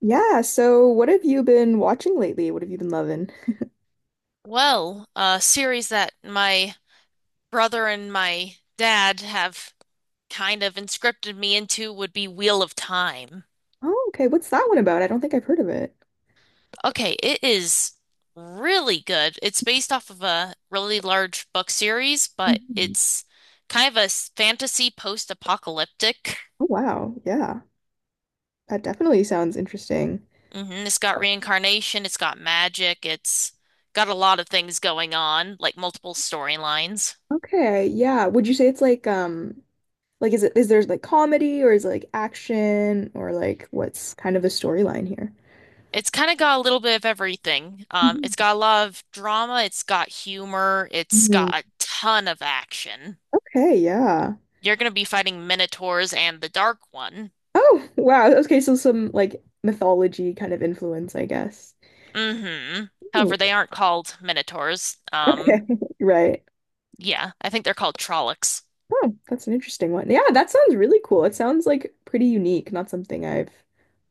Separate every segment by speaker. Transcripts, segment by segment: Speaker 1: Yeah, so what have you been watching lately? What have you been loving?
Speaker 2: Well, a series that my brother and my dad have kind of inscripted me into would be Wheel of Time.
Speaker 1: Oh, okay. What's that one about? I don't think I've heard of it.
Speaker 2: Okay, it is really good. It's based off of a really large book series, but
Speaker 1: Mhm.
Speaker 2: it's kind of fantasy post-apocalyptic.
Speaker 1: Oh, wow. Yeah. That definitely sounds interesting.
Speaker 2: It's got reincarnation, it's got magic, it's got a lot of things going on, like multiple storylines.
Speaker 1: Okay. Yeah. Would you say it's like is there like comedy or is it like action or like what's kind of the storyline here?
Speaker 2: It's kind of got a little bit of everything.
Speaker 1: Mhm.
Speaker 2: It's got a lot of drama, it's got humor, it's
Speaker 1: Mhm.
Speaker 2: got a ton of action.
Speaker 1: Okay, yeah.
Speaker 2: You're going to be fighting minotaurs and the Dark One.
Speaker 1: Oh, wow. Okay, so some like mythology kind of influence, I guess.
Speaker 2: hmm
Speaker 1: Ooh,
Speaker 2: However, they aren't called minotaurs.
Speaker 1: okay. Right.
Speaker 2: Yeah, I think they're called Trollocs.
Speaker 1: Oh, that's an interesting one. Yeah, that sounds really cool. It sounds like pretty unique, not something I've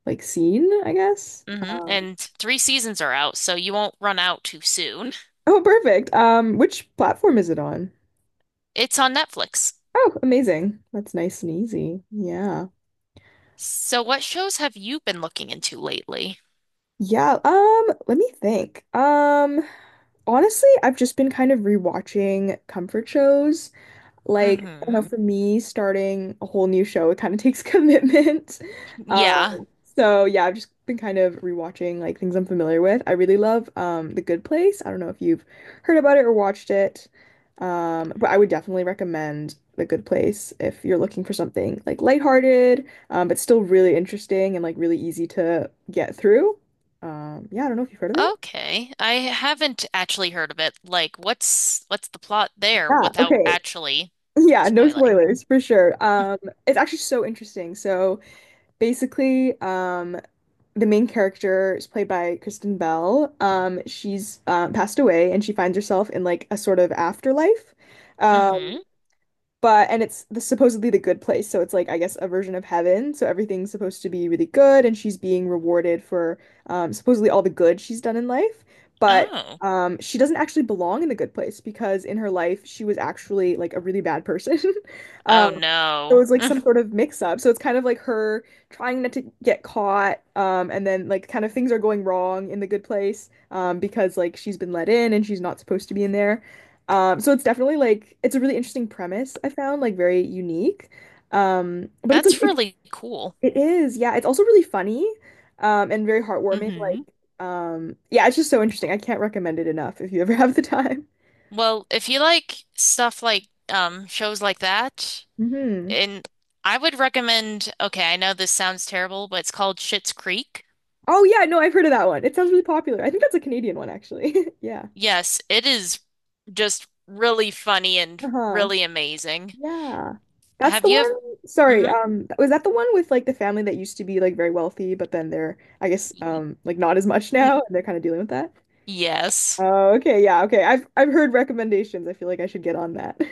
Speaker 1: like seen, I guess.
Speaker 2: And three seasons are out, so you won't run out too soon.
Speaker 1: Oh, perfect. Which platform is it on?
Speaker 2: It's on Netflix.
Speaker 1: Oh, amazing. That's nice and easy. Yeah.
Speaker 2: So, what shows have you been looking into lately?
Speaker 1: Yeah, let me think. Honestly, I've just been kind of rewatching comfort shows. Like, I don't
Speaker 2: Hmm.
Speaker 1: know, for me, starting a whole new show, it kind of takes commitment. Um,
Speaker 2: Yeah.
Speaker 1: So yeah, I've just been kind of rewatching like things I'm familiar with. I really love The Good Place. I don't know if you've heard about it or watched it. But I would definitely recommend The Good Place if you're looking for something like lighthearted, but still really interesting and like really easy to get through. Yeah, I don't know if you've heard of it.
Speaker 2: Okay. I haven't actually heard of it. Like, what's the plot there
Speaker 1: Yeah,
Speaker 2: without
Speaker 1: okay.
Speaker 2: actually
Speaker 1: Yeah, no
Speaker 2: spoiling?
Speaker 1: spoilers for sure. It's actually so interesting. So basically, the main character is played by Kristen Bell. She's passed away and she finds herself in like a sort of afterlife.
Speaker 2: Mm-hmm.
Speaker 1: Um, but and it's the, supposedly the good place, so it's like I guess a version of heaven. So everything's supposed to be really good, and she's being rewarded for supposedly all the good she's done in life. But
Speaker 2: Oh.
Speaker 1: she doesn't actually belong in the good place because in her life she was actually like a really bad person. Um,
Speaker 2: Oh
Speaker 1: it
Speaker 2: no.
Speaker 1: was like some sort of mix up. So it's kind of like her trying not to get caught, and then like kind of things are going wrong in the good place, because like she's been let in and she's not supposed to be in there. So it's definitely like it's a really interesting premise I found, like very unique. But it's like,
Speaker 2: That's
Speaker 1: it,
Speaker 2: really cool.
Speaker 1: it is, yeah, it's also really funny, and very heartwarming. Like,
Speaker 2: Mm-hmm.
Speaker 1: yeah, it's just so interesting. I can't recommend it enough if you ever have the time.
Speaker 2: Well, if you like stuff like shows like that,
Speaker 1: Hmm.
Speaker 2: and I would recommend, okay, I know this sounds terrible, but it's called Schitt's Creek.
Speaker 1: Oh yeah, no, I've heard of that one. It sounds really popular. I think that's a Canadian one actually. Yeah.
Speaker 2: Yes, it is just really funny and
Speaker 1: Uh-huh.
Speaker 2: really amazing.
Speaker 1: Yeah. That's
Speaker 2: Have
Speaker 1: the
Speaker 2: you?
Speaker 1: one. Sorry,
Speaker 2: Mm-hmm.
Speaker 1: was that the one with like the family that used to be like very wealthy, but then they're, I guess, like not as much now, and they're kind of dealing with that?
Speaker 2: Yes.
Speaker 1: Oh, okay, yeah, okay. I've heard recommendations. I feel like I should get on that.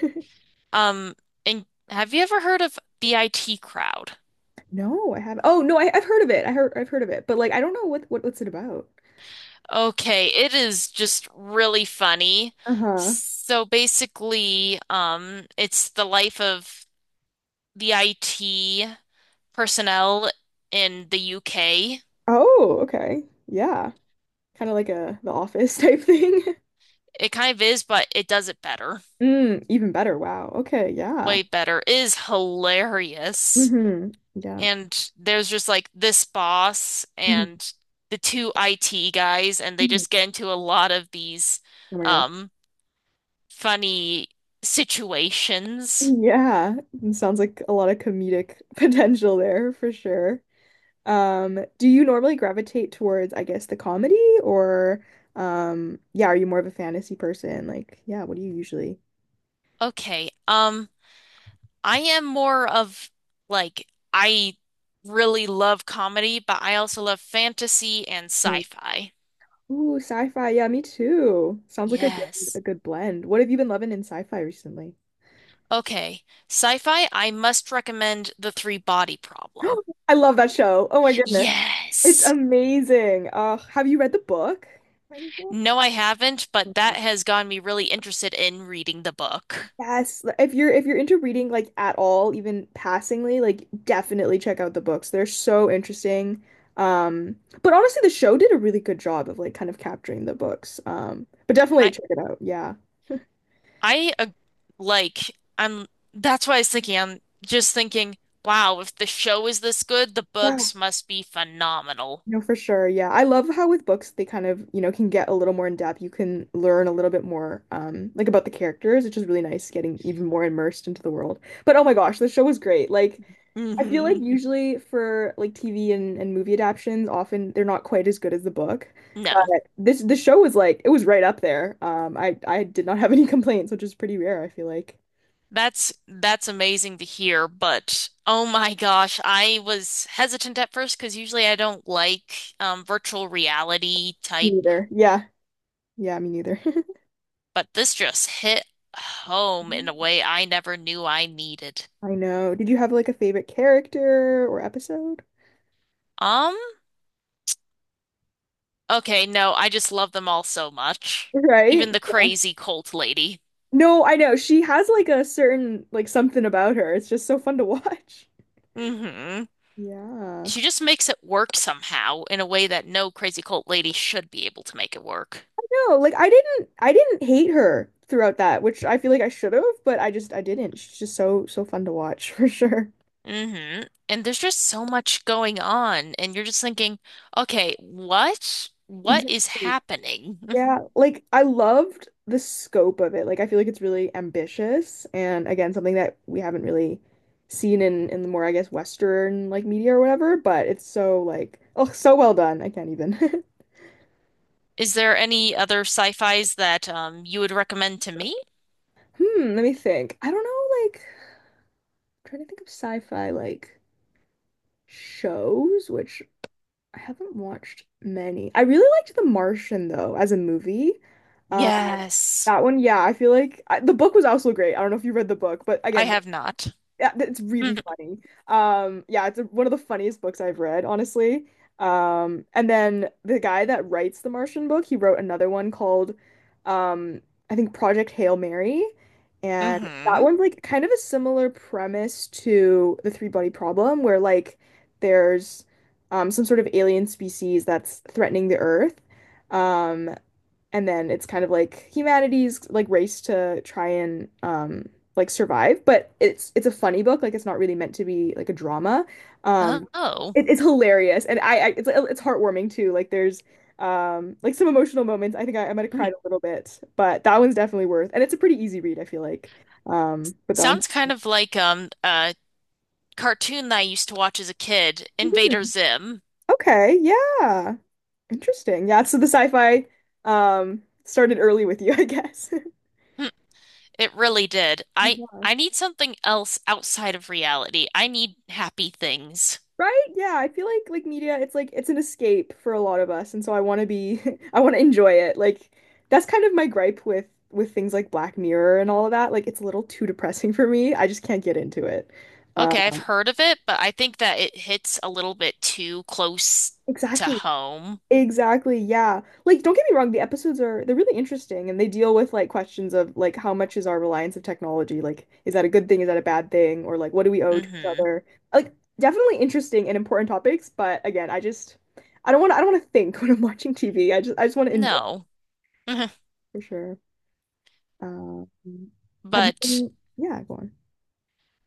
Speaker 2: Um, and have you ever heard of the IT crowd?
Speaker 1: No, I haven't. Oh, no, I've heard of it. I've heard of it, but like I don't know what's it about.
Speaker 2: Okay, it is just really funny.
Speaker 1: Uh-huh.
Speaker 2: So basically, it's the life of the IT personnel in the UK.
Speaker 1: Oh, okay. Yeah. Kind of like a The Office type thing.
Speaker 2: It kind of is, but it does it better,
Speaker 1: Mm, even better. Wow. Okay, yeah.
Speaker 2: way better. It is hilarious.
Speaker 1: Mm-hmm. Yeah.
Speaker 2: And there's just like this boss
Speaker 1: Hmm.
Speaker 2: and the two IT guys, and they
Speaker 1: Hmm.
Speaker 2: just get into a lot of these.
Speaker 1: Oh my gosh.
Speaker 2: Um, Funny situations.
Speaker 1: Yeah, it sounds like a lot of comedic potential there for sure. Do you normally gravitate towards, I guess, the comedy or yeah, are you more of a fantasy person? Like, yeah, what do you usually?
Speaker 2: Okay. I am more of like I really love comedy, but I also love fantasy and
Speaker 1: Hmm.
Speaker 2: sci-fi.
Speaker 1: Ooh, sci-fi. Yeah, me too. Sounds like a
Speaker 2: Yes.
Speaker 1: good blend. What have you been loving in sci-fi recently?
Speaker 2: Okay. Sci-fi, I must recommend The Three Body Problem.
Speaker 1: I love that show. Oh my goodness. It's
Speaker 2: Yes.
Speaker 1: amazing. Have you read the book? By any chance?
Speaker 2: No, I haven't, but that has gotten me really interested in reading the book.
Speaker 1: Yes, if you're into reading like at all, even passingly, like definitely check out the books. They're so interesting. Um, but honestly, the show did a really good job of like kind of capturing the books. But definitely check it out. Yeah.
Speaker 2: I like I'm That's why I was thinking I'm just thinking, wow, if the show is this good, the
Speaker 1: Yeah.
Speaker 2: books must be phenomenal.
Speaker 1: No, for sure. Yeah. I love how with books they kind of, you know, can get a little more in depth. You can learn a little bit more like about the characters, which is really nice getting even more immersed into the world. But oh my gosh, the show was great. Like I feel like
Speaker 2: hmm
Speaker 1: usually for like TV and movie adaptions, often they're not quite as good as the book. But
Speaker 2: No.
Speaker 1: this the show was like it was right up there. I did not have any complaints, which is pretty rare, I feel like.
Speaker 2: That's amazing to hear, but oh my gosh, I was hesitant at first because usually I don't like virtual reality
Speaker 1: Me
Speaker 2: type,
Speaker 1: neither. Yeah. Yeah, me neither.
Speaker 2: but this just hit home in a
Speaker 1: Mhm.
Speaker 2: way I never knew I needed.
Speaker 1: I know. Did you have like a favorite character or episode?
Speaker 2: Um, okay, no, I just love them all so much. Even
Speaker 1: Right?
Speaker 2: the crazy cult lady.
Speaker 1: No, I know. She has like a certain like something about her. It's just so fun to watch.
Speaker 2: hmm
Speaker 1: Yeah.
Speaker 2: She just makes it work somehow in a way that no crazy cult lady should be able to make it work.
Speaker 1: No, like I didn't hate her throughout that, which I feel like I should have, but I didn't. She's just so so fun to watch for sure.
Speaker 2: hmm And there's just so much going on, and you're just thinking, okay, what? What is
Speaker 1: Exactly.
Speaker 2: happening?
Speaker 1: Yeah, like I loved the scope of it. Like I feel like it's really ambitious and again something that we haven't really seen in the more I guess Western like media or whatever, but it's so like oh so well done. I can't even.
Speaker 2: Is there any other sci-fis that you would recommend to me?
Speaker 1: Hmm, let me think. I don't know like I'm trying to think of sci-fi like shows which I haven't watched many. I really liked The Martian though as a movie. Uh,
Speaker 2: Yes.
Speaker 1: that one, yeah, I feel like I, the book was also great. I don't know if you read the book, but
Speaker 2: I
Speaker 1: again,
Speaker 2: have not.
Speaker 1: yeah, it's
Speaker 2: Hmm.
Speaker 1: really funny. Yeah, it's a, one of the funniest books I've read, honestly. And then the guy that writes the Martian book, he wrote another one called, um, I think Project Hail Mary, and that
Speaker 2: hmm
Speaker 1: one's like kind of a similar premise to the Three Body Problem, where like there's some sort of alien species that's threatening the Earth, um, and then it's kind of like humanity's like race to try and like survive, but it's a funny book, like it's not really meant to be like a drama, um
Speaker 2: Oh,
Speaker 1: it, it's hilarious, and I it's heartwarming too, like there's like some emotional moments. I think I might have
Speaker 2: Hmm.
Speaker 1: cried a little bit, but that one's definitely worth, and it's a pretty easy read, I feel like, but that one.
Speaker 2: sounds kind of like a cartoon that I used to watch as a kid, Invader
Speaker 1: Mhm.
Speaker 2: Zim.
Speaker 1: Okay, yeah, interesting. Yeah, so the sci-fi started early with you, I guess.
Speaker 2: It really did. I I need something else outside of reality. I need happy things.
Speaker 1: Right? Yeah, I feel like media, it's like it's an escape for a lot of us, and so I want to be I want to enjoy it. Like that's kind of my gripe with things like Black Mirror and all of that. Like it's a little too depressing for me. I just can't get into it. Uh,
Speaker 2: Okay, I've heard of it, but I think that it hits a little bit too close to
Speaker 1: exactly.
Speaker 2: home.
Speaker 1: Exactly, yeah. Like, don't get me wrong, the episodes are they're really interesting and they deal with like questions of like how much is our reliance of technology? Like, is that a good thing? Is that a bad thing? Or like what do we owe to each
Speaker 2: hmm
Speaker 1: other? Like, definitely interesting and important topics, but again, I just I don't want to think when I'm watching TV. I just want to enjoy
Speaker 2: No. Mhm.
Speaker 1: for sure. Um, have you
Speaker 2: But
Speaker 1: been, yeah, go on.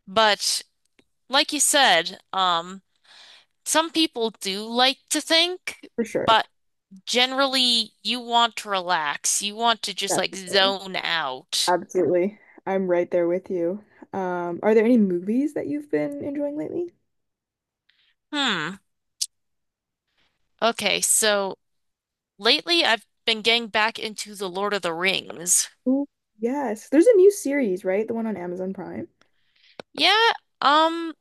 Speaker 2: but like you said, some people do like to think,
Speaker 1: For sure.
Speaker 2: but generally you want to relax. You want to just like
Speaker 1: Definitely.
Speaker 2: zone out.
Speaker 1: Absolutely. I'm right there with you. Are there any movies that you've been enjoying lately?
Speaker 2: Hmm. Okay, so lately, I've been getting back into The Lord of the Rings.
Speaker 1: Ooh, yes. There's a new series, right? The one on Amazon Prime.
Speaker 2: Yeah, um,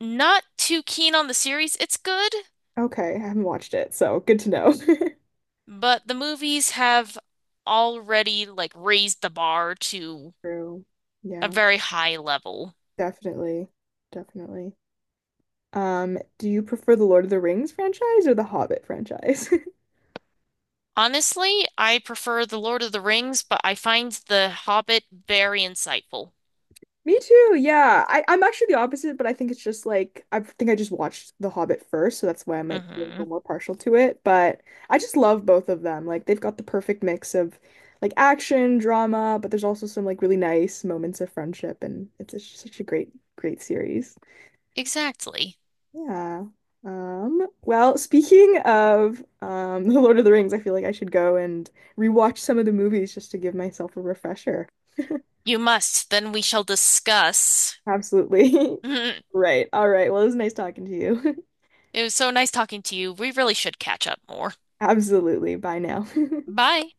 Speaker 2: not too keen on the series. It's good,
Speaker 1: Okay, I haven't watched it, so good to know.
Speaker 2: but the movies have already like raised the bar to
Speaker 1: True.
Speaker 2: a
Speaker 1: Yeah,
Speaker 2: very high level.
Speaker 1: definitely. Definitely. Do you prefer the Lord of the Rings franchise or the Hobbit franchise?
Speaker 2: Honestly, I prefer The Lord of the Rings, but I find The Hobbit very insightful.
Speaker 1: Me too. Yeah. I'm actually the opposite, but I think it's just like I think I just watched The Hobbit first, so that's why I might be a little
Speaker 2: hmm
Speaker 1: more partial to it. But I just love both of them. Like they've got the perfect mix of like action, drama, but there's also some like really nice moments of friendship, and it's just such a great, great series.
Speaker 2: Exactly.
Speaker 1: Yeah. Well, speaking of The Lord of the Rings, I feel like I should go and rewatch some of the movies just to give myself a refresher.
Speaker 2: You must. Then we shall discuss.
Speaker 1: Absolutely. Right. All right. Well, it was nice talking to you.
Speaker 2: It was so nice talking to you. We really should catch up more.
Speaker 1: Absolutely. Bye now.
Speaker 2: Bye.